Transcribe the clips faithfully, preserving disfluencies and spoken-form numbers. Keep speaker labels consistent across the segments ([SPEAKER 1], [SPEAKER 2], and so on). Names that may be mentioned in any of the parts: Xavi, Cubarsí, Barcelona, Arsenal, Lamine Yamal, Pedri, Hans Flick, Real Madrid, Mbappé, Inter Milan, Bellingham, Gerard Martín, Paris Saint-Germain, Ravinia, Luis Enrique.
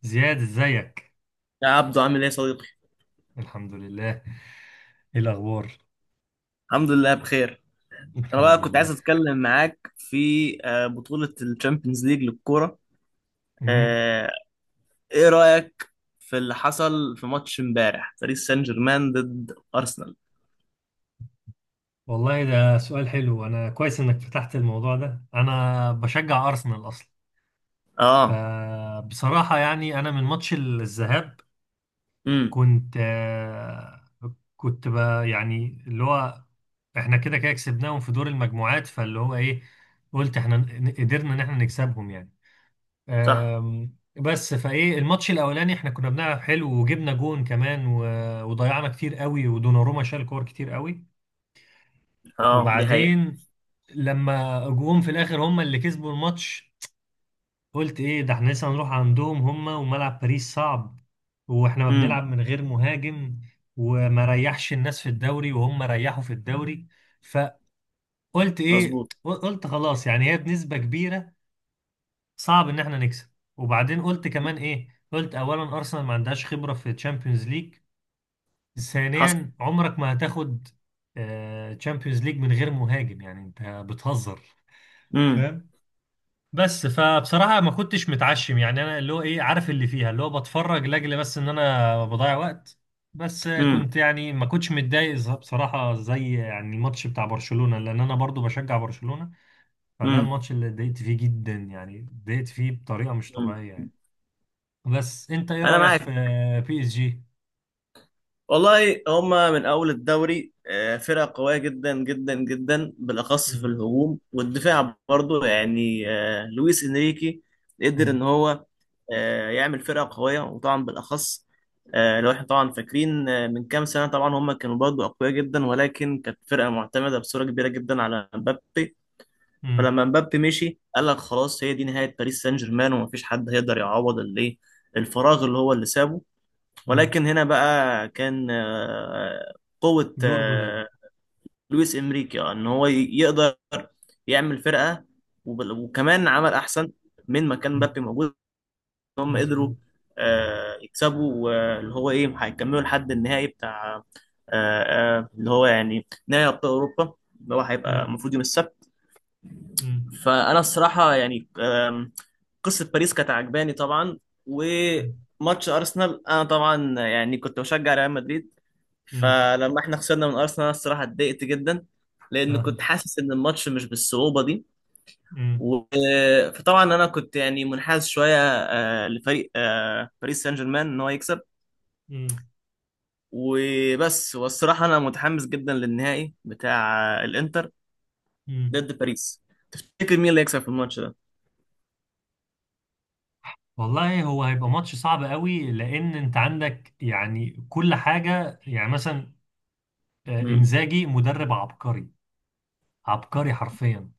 [SPEAKER 1] زياد ازيك.
[SPEAKER 2] يا عبدو عامل ايه يا صديقي؟
[SPEAKER 1] الحمد لله. ايه الاخبار؟
[SPEAKER 2] الحمد لله بخير. انا
[SPEAKER 1] الحمد
[SPEAKER 2] بقى كنت عايز
[SPEAKER 1] لله.
[SPEAKER 2] اتكلم معاك في آه، بطولة الشامبيونز ليج للكورة.
[SPEAKER 1] امم.
[SPEAKER 2] آه، ايه رأيك في اللي حصل في ماتش امبارح باريس سان جيرمان ضد ارسنال؟
[SPEAKER 1] والله ده سؤال حلو، انا كويس انك فتحت الموضوع ده، انا بشجع ارسنال اصلا.
[SPEAKER 2] اه.
[SPEAKER 1] فبصراحة يعني انا من ماتش الذهاب
[SPEAKER 2] امم.
[SPEAKER 1] كنت آه، كنت بقى يعني اللي هو احنا كده كده كسبناهم في دور المجموعات، فاللي هو ايه، قلت احنا ن- قدرنا ان احنا نكسبهم يعني.
[SPEAKER 2] صح.
[SPEAKER 1] آم، بس فايه الماتش الاولاني احنا كنا بنلعب حلو وجبنا جون كمان و- وضيعنا كتير قوي، ودوناروما شال كور كتير قوي.
[SPEAKER 2] اه، دي حقيقة.
[SPEAKER 1] وبعدين لما جوهم في الاخر هم اللي كسبوا الماتش. قلت ايه ده، احنا لسه هنروح عندهم، هم وملعب باريس صعب، واحنا ما
[SPEAKER 2] امم.
[SPEAKER 1] بنلعب من غير مهاجم، وما ريحش الناس في الدوري وهم ريحوا في الدوري. فقلت ايه،
[SPEAKER 2] مظبوط.
[SPEAKER 1] قلت خلاص يعني هي بنسبة كبيرة صعب ان احنا نكسب. وبعدين قلت كمان ايه، قلت اولا ارسنال ما عندهاش خبره في تشامبيونز ليج،
[SPEAKER 2] حصل.
[SPEAKER 1] ثانيا عمرك ما هتاخد تشامبيونز ليج من غير مهاجم، يعني انت بتهزر،
[SPEAKER 2] امم.
[SPEAKER 1] فاهم؟ بس فبصراحه ما كنتش متعشم يعني، انا اللي هو ايه، عارف اللي فيها، اللي هو بتفرج لاجل بس ان انا بضيع وقت. بس
[SPEAKER 2] امم.
[SPEAKER 1] كنت يعني ما كنتش متضايق ز- بصراحه زي يعني الماتش بتاع برشلونه، لان انا برضو بشجع برشلونه. فده
[SPEAKER 2] امم.
[SPEAKER 1] الماتش اللي اتضايقت فيه جدا، يعني اتضايقت فيه بطريقه مش
[SPEAKER 2] أمم.
[SPEAKER 1] طبيعيه يعني. بس انت ايه
[SPEAKER 2] انا
[SPEAKER 1] رأيك في
[SPEAKER 2] معاك.
[SPEAKER 1] بي اس جي؟
[SPEAKER 2] والله هما من أول الدوري آه، فرقة قوية جدا جدا جدا، بالأخص في
[SPEAKER 1] مم.
[SPEAKER 2] الهجوم والدفاع، برضو يعني آه، لويس إنريكي قدر
[SPEAKER 1] مم.
[SPEAKER 2] إن هو آه، يعمل فرقة قوية. وطبعا بالأخص آه، لو إحنا طبعا فاكرين آه، من كام سنة، طبعا هما كانوا برضو أقوياء جدا، ولكن كانت فرقة معتمدة بصورة كبيرة جدا على مبابي.
[SPEAKER 1] مم.
[SPEAKER 2] فلما مبابي مشي قال لك خلاص، هي دي نهاية باريس سان جيرمان، ومفيش حد هيقدر يعوض الإيه، الفراغ اللي هو اللي سابه.
[SPEAKER 1] مم.
[SPEAKER 2] ولكن هنا بقى كان آه، قوة
[SPEAKER 1] دور مدرب.
[SPEAKER 2] آه، لويس إنريكي، آه، إن هو ي- يقدر يعمل فرقة. وب- وكمان عمل أحسن من ما كان
[SPEAKER 1] مم.
[SPEAKER 2] مبابي موجود. هم قدروا
[SPEAKER 1] مظبوط.
[SPEAKER 2] آه، يكسبوا، واللي هو إيه، هيكملوا لحد النهائي بتاع آه، آه، اللي هو يعني نهائي أبطال أوروبا، اللي هو هيبقى
[SPEAKER 1] مم.
[SPEAKER 2] المفروض يوم السبت.
[SPEAKER 1] مم.
[SPEAKER 2] فأنا الصراحة يعني آم، قصة باريس كانت عجباني طبعا. وماتش أرسنال، أنا طبعا يعني كنت بشجع ريال مدريد،
[SPEAKER 1] مم.
[SPEAKER 2] فلما احنا خسرنا من ارسنال انا الصراحه اتضايقت جدا، لان كنت
[SPEAKER 1] آه.
[SPEAKER 2] حاسس ان الماتش مش بالصعوبه دي.
[SPEAKER 1] مم.
[SPEAKER 2] و- فطبعا انا كنت يعني منحاز شويه آه، لفريق آه، باريس سان جيرمان ان هو يكسب
[SPEAKER 1] مم.
[SPEAKER 2] وبس. والصراحه انا متحمس جدا للنهائي بتاع آه، الانتر
[SPEAKER 1] مم.
[SPEAKER 2] ضد باريس. تفتكر مين اللي هيكسب في الماتش ده؟
[SPEAKER 1] والله هو هيبقى ماتش صعب قوي، لان انت عندك يعني كل حاجة، يعني مثلا آه،
[SPEAKER 2] امم.
[SPEAKER 1] انزاجي مدرب عبقري، عبقري حرفيا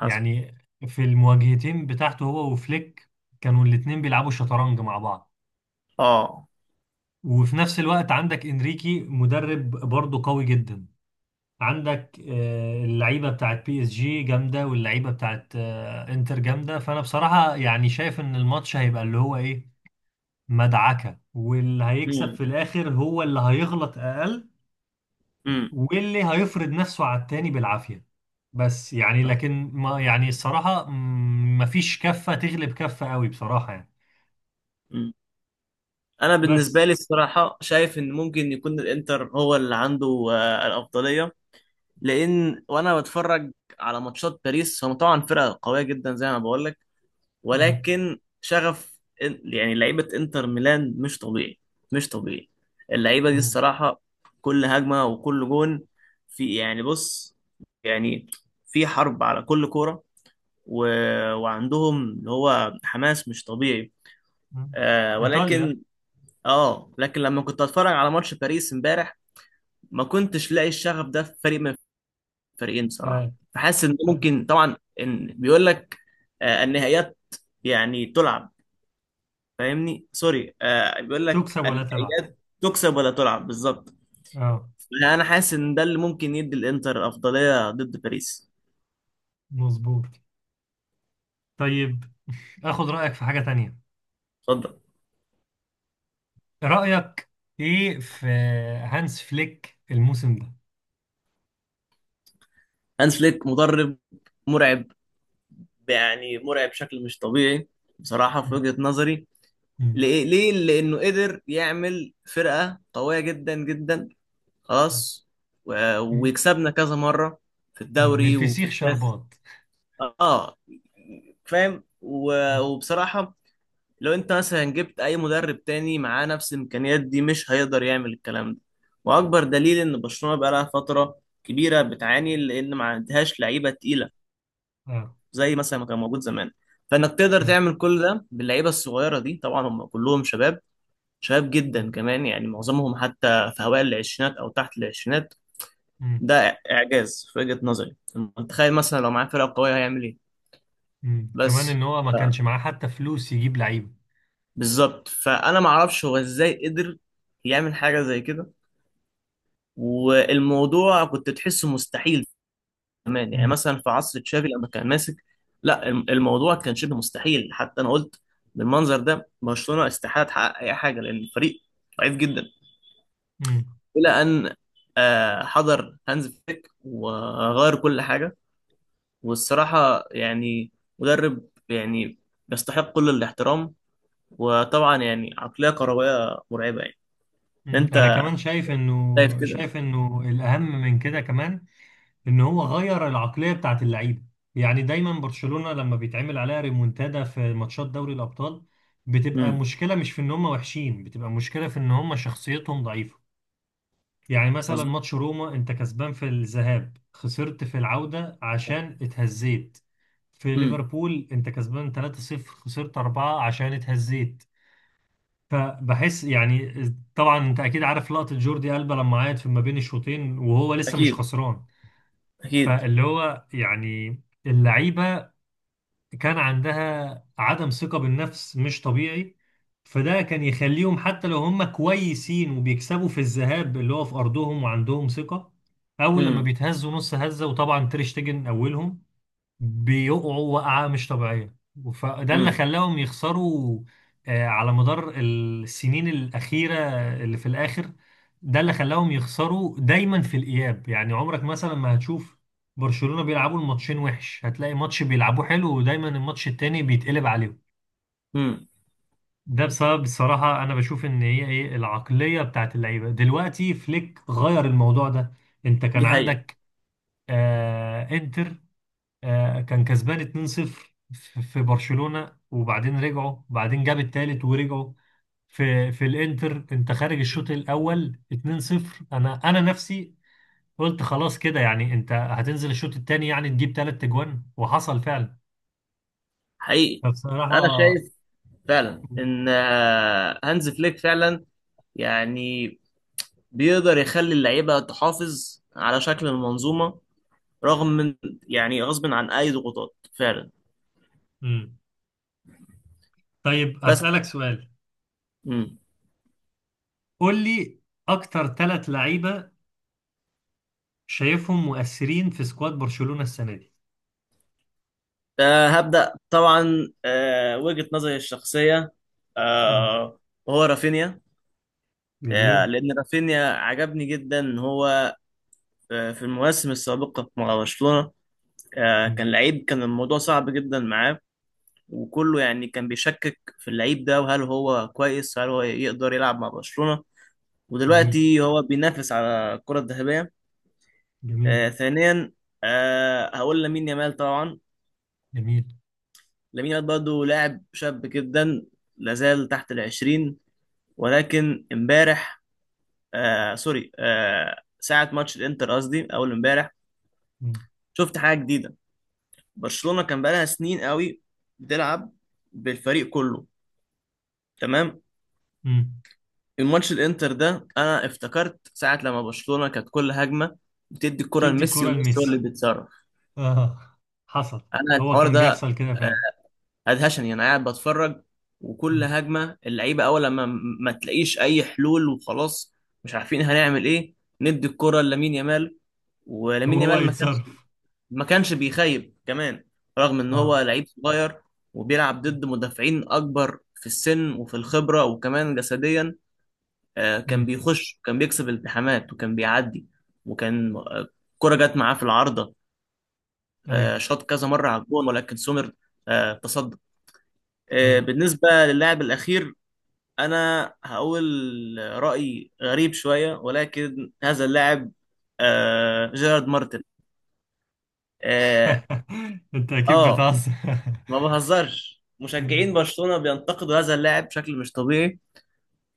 [SPEAKER 2] حصل.
[SPEAKER 1] يعني. في المواجهتين بتاعته هو وفليك كانوا الاتنين بيلعبوا شطرنج مع بعض.
[SPEAKER 2] اه.
[SPEAKER 1] وفي نفس الوقت عندك انريكي مدرب برضه قوي جدا، عندك آه، اللعيبه بتاعت بي اس جي جامده، واللعيبه بتاعت آه، انتر جامده. فانا بصراحه يعني شايف ان الماتش هيبقى اللي هو ايه، مدعكه، واللي هيكسب
[SPEAKER 2] امم.
[SPEAKER 1] في الاخر هو اللي هيغلط اقل،
[SPEAKER 2] امم.
[SPEAKER 1] واللي هيفرض نفسه على التاني بالعافيه. بس يعني لكن ما يعني الصراحه مم، مفيش كفه تغلب كفه قوي بصراحه يعني.
[SPEAKER 2] مم. انا بالنسبه
[SPEAKER 1] بس.
[SPEAKER 2] لي الصراحه شايف ان ممكن يكون الانتر هو اللي عنده آه، الافضليه، لان وانا بتفرج على ماتشات باريس هم طبعا فرقه قويه جدا زي ما بقول لك،
[SPEAKER 1] مم.
[SPEAKER 2] ولكن شغف إن- يعني لعيبه انتر ميلان مش طبيعي، مش طبيعي. اللعيبه دي
[SPEAKER 1] مم.
[SPEAKER 2] الصراحه كل هجمه وكل جون في، يعني بص، يعني في حرب على كل كوره. و... وعندهم اللي هو حماس مش طبيعي.
[SPEAKER 1] مم.
[SPEAKER 2] آه
[SPEAKER 1] ايطاليا.
[SPEAKER 2] ولكن اه لكن لما كنت اتفرج على ماتش باريس امبارح ما كنتش لاقي الشغف ده في فريق فريقين بصراحه.
[SPEAKER 1] آه.
[SPEAKER 2] فحاسس ان
[SPEAKER 1] آه.
[SPEAKER 2] ممكن طبعا ان بيقول لك آه، النهائيات يعني تلعب، فاهمني، سوري، آه، بيقول لك
[SPEAKER 1] تكسب ولا تلعب.
[SPEAKER 2] النهائيات تكسب ولا تلعب بالظبط.
[SPEAKER 1] اه.
[SPEAKER 2] انا حاسس ان ده اللي ممكن يدي الانتر افضليه ضد باريس.
[SPEAKER 1] مظبوط. طيب، اخد رأيك في حاجة تانية.
[SPEAKER 2] اتفضل.
[SPEAKER 1] رأيك ايه في هانس فليك الموسم ده؟
[SPEAKER 2] هانز فليك مدرب مرعب. يعني مرعب بشكل مش طبيعي بصراحه في وجهه نظري.
[SPEAKER 1] مم.
[SPEAKER 2] ليه ليه؟ لانه قدر يعمل فرقه قويه جدا جدا، خلاص. و-
[SPEAKER 1] مم.
[SPEAKER 2] ويكسبنا كذا مره في
[SPEAKER 1] من
[SPEAKER 2] الدوري وفي
[SPEAKER 1] الفسيخ
[SPEAKER 2] الكاس.
[SPEAKER 1] شربات.
[SPEAKER 2] اه، فاهم. و- وبصراحة لو انت مثلا جبت اي مدرب تاني معاه نفس الامكانيات دي مش هيقدر يعمل الكلام ده. واكبر دليل ان برشلونة بقالها فترة كبيرة بتعاني لان ما عندهاش لعيبة تقيلة
[SPEAKER 1] اه.
[SPEAKER 2] زي مثلا ما كان موجود زمان. فانك تقدر
[SPEAKER 1] طيب.
[SPEAKER 2] تعمل كل ده باللعيبة الصغيرة دي، طبعا هم كلهم شباب، شباب جدا كمان، يعني معظمهم حتى في هوائل العشرينات او تحت العشرينات.
[SPEAKER 1] مم.
[SPEAKER 2] ده اعجاز في وجهة نظري. تخيل مثلا لو معاه فرقة قوية هيعمل ايه.
[SPEAKER 1] مم. كمان
[SPEAKER 2] بس
[SPEAKER 1] ان هو ما كانش معاه حتى فلوس يجيب لعيب.
[SPEAKER 2] بالظبط، فانا ما اعرفش هو ازاي قدر يعمل حاجه زي كده، والموضوع كنت تحسه مستحيل. كمان يعني
[SPEAKER 1] مم.
[SPEAKER 2] مثلا في عصر تشافي لما كان ماسك، لا، الم- الموضوع كان شبه مستحيل. حتى انا قلت بالمنظر ده برشلونه استحاله تحقق اي حاجه لان الفريق ضعيف جدا،
[SPEAKER 1] مم.
[SPEAKER 2] الى ان آه، حضر هانز فليك وغير كل حاجه. والصراحه يعني مدرب يعني يستحق كل الاحترام، وطبعا يعني عقليه كرويه مرعبه يعني.
[SPEAKER 1] مم.
[SPEAKER 2] انت
[SPEAKER 1] انا كمان شايف
[SPEAKER 2] شايف
[SPEAKER 1] انه
[SPEAKER 2] كده؟
[SPEAKER 1] شايف انه الاهم من كده كمان ان هو غير العقليه بتاعت اللعيبه. يعني دايما برشلونه لما بيتعمل عليها ريمونتادا في ماتشات دوري الابطال بتبقى
[SPEAKER 2] امم.
[SPEAKER 1] مشكله، مش في ان هم وحشين، بتبقى مشكله في ان هم شخصيتهم ضعيفه. يعني مثلا
[SPEAKER 2] مظبوط.
[SPEAKER 1] ماتش روما انت كسبان في الذهاب خسرت في العوده عشان اتهزيت، في
[SPEAKER 2] امم.
[SPEAKER 1] ليفربول انت كسبان ثلاثة صفر خسرت أربعة عشان اتهزيت. فبحس يعني، طبعا انت اكيد عارف لقطة جوردي ألبا لما عيط في ما بين الشوطين وهو لسه مش
[SPEAKER 2] اكيد،
[SPEAKER 1] خسران.
[SPEAKER 2] اكيد.
[SPEAKER 1] فاللي هو يعني اللعيبة كان عندها عدم ثقة بالنفس مش طبيعي. فده كان يخليهم حتى لو هم كويسين وبيكسبوا في الذهاب اللي هو في أرضهم وعندهم ثقة، أول لما
[SPEAKER 2] امم.
[SPEAKER 1] بيتهزوا نص هزة، وطبعا تير شتيجن أولهم، بيقعوا وقعة مش طبيعية. فده اللي
[SPEAKER 2] امم.
[SPEAKER 1] خلاهم يخسروا آه، على مدار السنين الأخيرة. اللي في الآخر ده اللي خلاهم يخسروا دايما في الإياب، يعني عمرك مثلا ما هتشوف برشلونة بيلعبوا الماتشين وحش، هتلاقي ماتش بيلعبوه حلو ودايما الماتش التاني بيتقلب عليهم.
[SPEAKER 2] امم.
[SPEAKER 1] ده بسبب، الصراحة أنا بشوف إن هي إيه، العقلية بتاعت اللعيبة. دلوقتي فليك غير الموضوع ده. أنت كان
[SPEAKER 2] دي حقيقة.
[SPEAKER 1] عندك آه إنتر، آه، كان كسبان اتنين صفر في في برشلونة، وبعدين رجعوا، وبعدين جاب التالت ورجعوا. في في الانتر انت خارج الشوط الاول اثنين صفر، انا انا نفسي قلت خلاص كده، يعني انت هتنزل الشوط التاني يعني تجيب تلات اجوان، وحصل فعلا.
[SPEAKER 2] حقيقي. انا
[SPEAKER 1] فبصراحة.
[SPEAKER 2] شايف فعلا ان آه، هانز فليك فعلا يعني بيقدر يخلي اللعيبة تحافظ على شكل المنظومة، رغم من يعني غصب عن اي ضغوطات فعلا.
[SPEAKER 1] مم. طيب
[SPEAKER 2] بس.
[SPEAKER 1] أسألك سؤال.
[SPEAKER 2] امم.
[SPEAKER 1] قول لي، أكتر ثلاث لعيبة شايفهم مؤثرين في سكواد برشلونة السنة دي.
[SPEAKER 2] آه، هبدأ طبعا آه، وجهة نظري الشخصية،
[SPEAKER 1] مم.
[SPEAKER 2] آه، هو رافينيا. آه،
[SPEAKER 1] جميل.
[SPEAKER 2] لان رافينيا عجبني جدا ان هو في المواسم السابقة مع برشلونة آه،
[SPEAKER 1] مم.
[SPEAKER 2] كان لعيب كان الموضوع صعب جدا معاه، وكله يعني كان بيشكك في اللعيب ده، وهل هو كويس، هل هو يقدر يلعب مع برشلونة.
[SPEAKER 1] جميل.
[SPEAKER 2] ودلوقتي هو بينافس على الكرة الذهبية.
[SPEAKER 1] جميل.
[SPEAKER 2] آه، ثانيا آه، هقول لامين يامال طبعا.
[SPEAKER 1] جميل.
[SPEAKER 2] لامين يامال برضه لاعب شاب جدا، لازال تحت العشرين. ولكن امبارح، آه سوري، آه ساعة ماتش الانتر، قصدي أول امبارح، شفت حاجة جديدة. برشلونة كان بقالها سنين قوي بتلعب بالفريق كله، تمام.
[SPEAKER 1] مم.
[SPEAKER 2] الماتش الانتر ده، انا افتكرت ساعة لما برشلونة كانت كل هجمة بتدي الكرة
[SPEAKER 1] تدي
[SPEAKER 2] لميسي
[SPEAKER 1] الكرة
[SPEAKER 2] وميسي هو اللي
[SPEAKER 1] لميسي.
[SPEAKER 2] بيتصرف.
[SPEAKER 1] اه. حصل.
[SPEAKER 2] انا
[SPEAKER 1] هو
[SPEAKER 2] الحوار
[SPEAKER 1] كان
[SPEAKER 2] ده
[SPEAKER 1] بيحصل كده
[SPEAKER 2] آه،
[SPEAKER 1] فعلا.
[SPEAKER 2] ادهشني. انا قاعد بتفرج وكل
[SPEAKER 1] مم.
[SPEAKER 2] هجمة اللعيبة اول لما م- ما تلاقيش اي حلول وخلاص، مش عارفين هنعمل ايه، ندي الكرة لامين يامال. ولامين
[SPEAKER 1] وهو
[SPEAKER 2] يامال ما كانش
[SPEAKER 1] يتصرف.
[SPEAKER 2] ما كانش بيخيب كمان، رغم ان هو
[SPEAKER 1] اه.
[SPEAKER 2] لعيب صغير وبيلعب ضد مدافعين اكبر في السن وفي الخبرة وكمان جسديا. آه، كان
[SPEAKER 1] مم.
[SPEAKER 2] بيخش، كان بيكسب التحامات، وكان بيعدي. وكان آه، كرة جت معاه في العارضة.
[SPEAKER 1] ايوه.
[SPEAKER 2] آه، شاط كذا مرة على الجون ولكن سومر آه، تصدى. آه،
[SPEAKER 1] ايوه.
[SPEAKER 2] بالنسبة للاعب الأخير أنا هقول رأي غريب شوية، ولكن هذا اللاعب آه، جيرارد مارتن. اه.
[SPEAKER 1] انت اكيد
[SPEAKER 2] آه،
[SPEAKER 1] بتهزر.
[SPEAKER 2] ما بهزرش، مشجعين
[SPEAKER 1] مم.
[SPEAKER 2] برشلونة بينتقدوا هذا اللاعب بشكل مش طبيعي،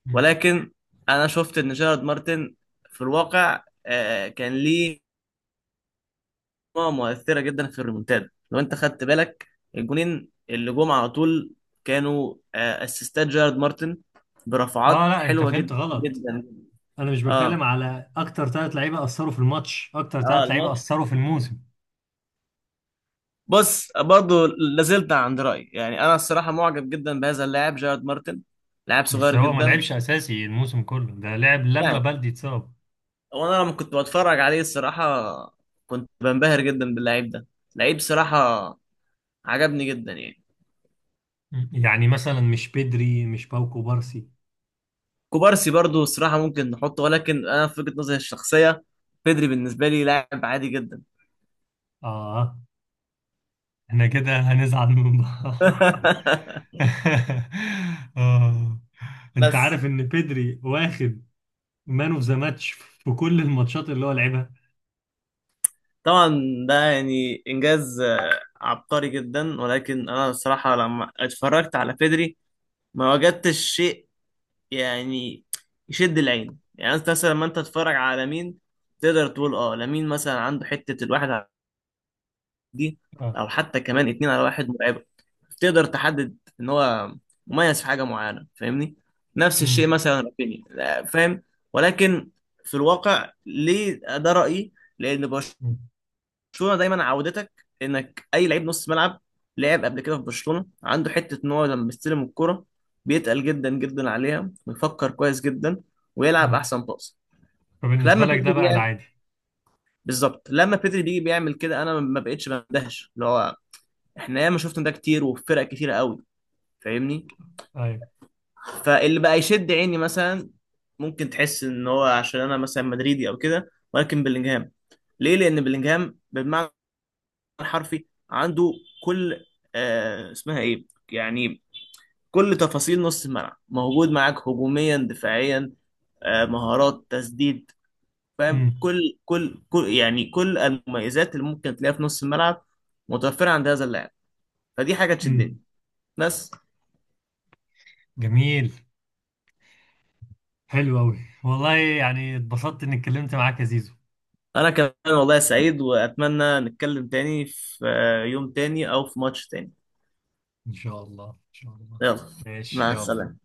[SPEAKER 1] مم.
[SPEAKER 2] ولكن أنا شفت إن جيرارد مارتن في الواقع آه، كان ليه مجموعة مؤثرة جدا في الريمونتادا. لو أنت خدت بالك الجونين اللي جم على طول كانوا آه، أسيستات جيرارد مارتن،
[SPEAKER 1] اه
[SPEAKER 2] برفعات
[SPEAKER 1] لا، انت
[SPEAKER 2] حلوة
[SPEAKER 1] فهمت
[SPEAKER 2] جدا
[SPEAKER 1] غلط،
[SPEAKER 2] جدا.
[SPEAKER 1] انا مش
[SPEAKER 2] اه.
[SPEAKER 1] بتكلم على اكتر ثلاث لعيبه اثروا في الماتش، اكتر
[SPEAKER 2] اه.
[SPEAKER 1] ثلاث لعيبه
[SPEAKER 2] الماتش.
[SPEAKER 1] اثروا في الموسم.
[SPEAKER 2] بص، برضو لازلت عند رأيي، يعني أنا الصراحة معجب جدا بهذا اللاعب جيرارد مارتن، لاعب
[SPEAKER 1] بس
[SPEAKER 2] صغير
[SPEAKER 1] هو ما
[SPEAKER 2] جدا،
[SPEAKER 1] لعبش اساسي الموسم كله ده، لعب لما
[SPEAKER 2] يعني.
[SPEAKER 1] بلدي اتصاب.
[SPEAKER 2] هو انا لما كنت بتفرج عليه الصراحه كنت بنبهر جدا باللعيب ده، لعيب صراحه عجبني جدا يعني.
[SPEAKER 1] مم. يعني مثلا مش بدري، مش باوكو بارسي.
[SPEAKER 2] كوبارسي برضو الصراحه ممكن نحطه، ولكن انا في وجهه نظري الشخصيه بيدري بالنسبه لي لاعب عادي جدا.
[SPEAKER 1] اه. احنا كده هنزعل من بعض. آه. انت
[SPEAKER 2] بس.
[SPEAKER 1] عارف ان بيدري واخد مان اوف ذا ماتش في كل الماتشات اللي هو لعبها.
[SPEAKER 2] طبعا ده يعني انجاز آه، عبقري جدا، ولكن انا الصراحه لما اتفرجت على بيدري ما وجدتش شيء يعني يشد العين. يعني انت مثلا لما انت تتفرج على مين تقدر تقول اه لامين مثلا عنده حته الواحد دي،
[SPEAKER 1] اه.
[SPEAKER 2] او حتى كمان اتنين على واحد مرعبه. تقدر تحدد ان هو مميز في حاجه معينه، فاهمني. نفس
[SPEAKER 1] امم.
[SPEAKER 2] الشيء مثلا رافينيا، لا، فاهم. ولكن في الواقع ليه ده رايي؟ لان برشلونه
[SPEAKER 1] أمم.
[SPEAKER 2] دايما عودتك انك اي لعيب نص ملعب لعب قبل كده في برشلونه عنده حته ان هو لما بيستلم الكره بيتقل جدا جدا عليها ويفكر كويس جدا ويلعب
[SPEAKER 1] أمم.
[SPEAKER 2] احسن باص.
[SPEAKER 1] فبالنسبة
[SPEAKER 2] لما
[SPEAKER 1] لك
[SPEAKER 2] بيدري
[SPEAKER 1] ده بقى
[SPEAKER 2] بيعمل
[SPEAKER 1] العادي.
[SPEAKER 2] بالظبط لما بيدري بيجي بيعمل كده، انا ما بقتش بندهش، اللي هو احنا ياما شفنا ده كتير وفي فرق كتيرة قوي، فاهمني.
[SPEAKER 1] ايوه.
[SPEAKER 2] فاللي بقى يشد عيني مثلا، ممكن تحس ان هو عشان انا مثلا مدريدي او كده، ولكن بلينجهام. ليه؟ لان بلينجهام بالمعنى الحرفي عنده كل آه اسمها ايه يعني كل تفاصيل نص الملعب موجود معاك، هجوميا، دفاعيا، آه مهارات تسديد، فاهم.
[SPEAKER 1] امم.
[SPEAKER 2] كل كل كل يعني كل المميزات اللي ممكن تلاقيها في نص الملعب متوفرة عند هذا اللاعب، فدي حاجة
[SPEAKER 1] أمم.
[SPEAKER 2] تشدني. بس.
[SPEAKER 1] جميل. حلو قوي. والله يعني اتبسطت اني اتكلمت معاك يا زيزو.
[SPEAKER 2] انا كمان. والله سعيد، واتمنى نتكلم تاني في آه، يوم تاني او في ماتش تاني.
[SPEAKER 1] ان شاء الله، ان شاء الله.
[SPEAKER 2] يلا.
[SPEAKER 1] ماشي،
[SPEAKER 2] مع
[SPEAKER 1] يلا.
[SPEAKER 2] السلامة.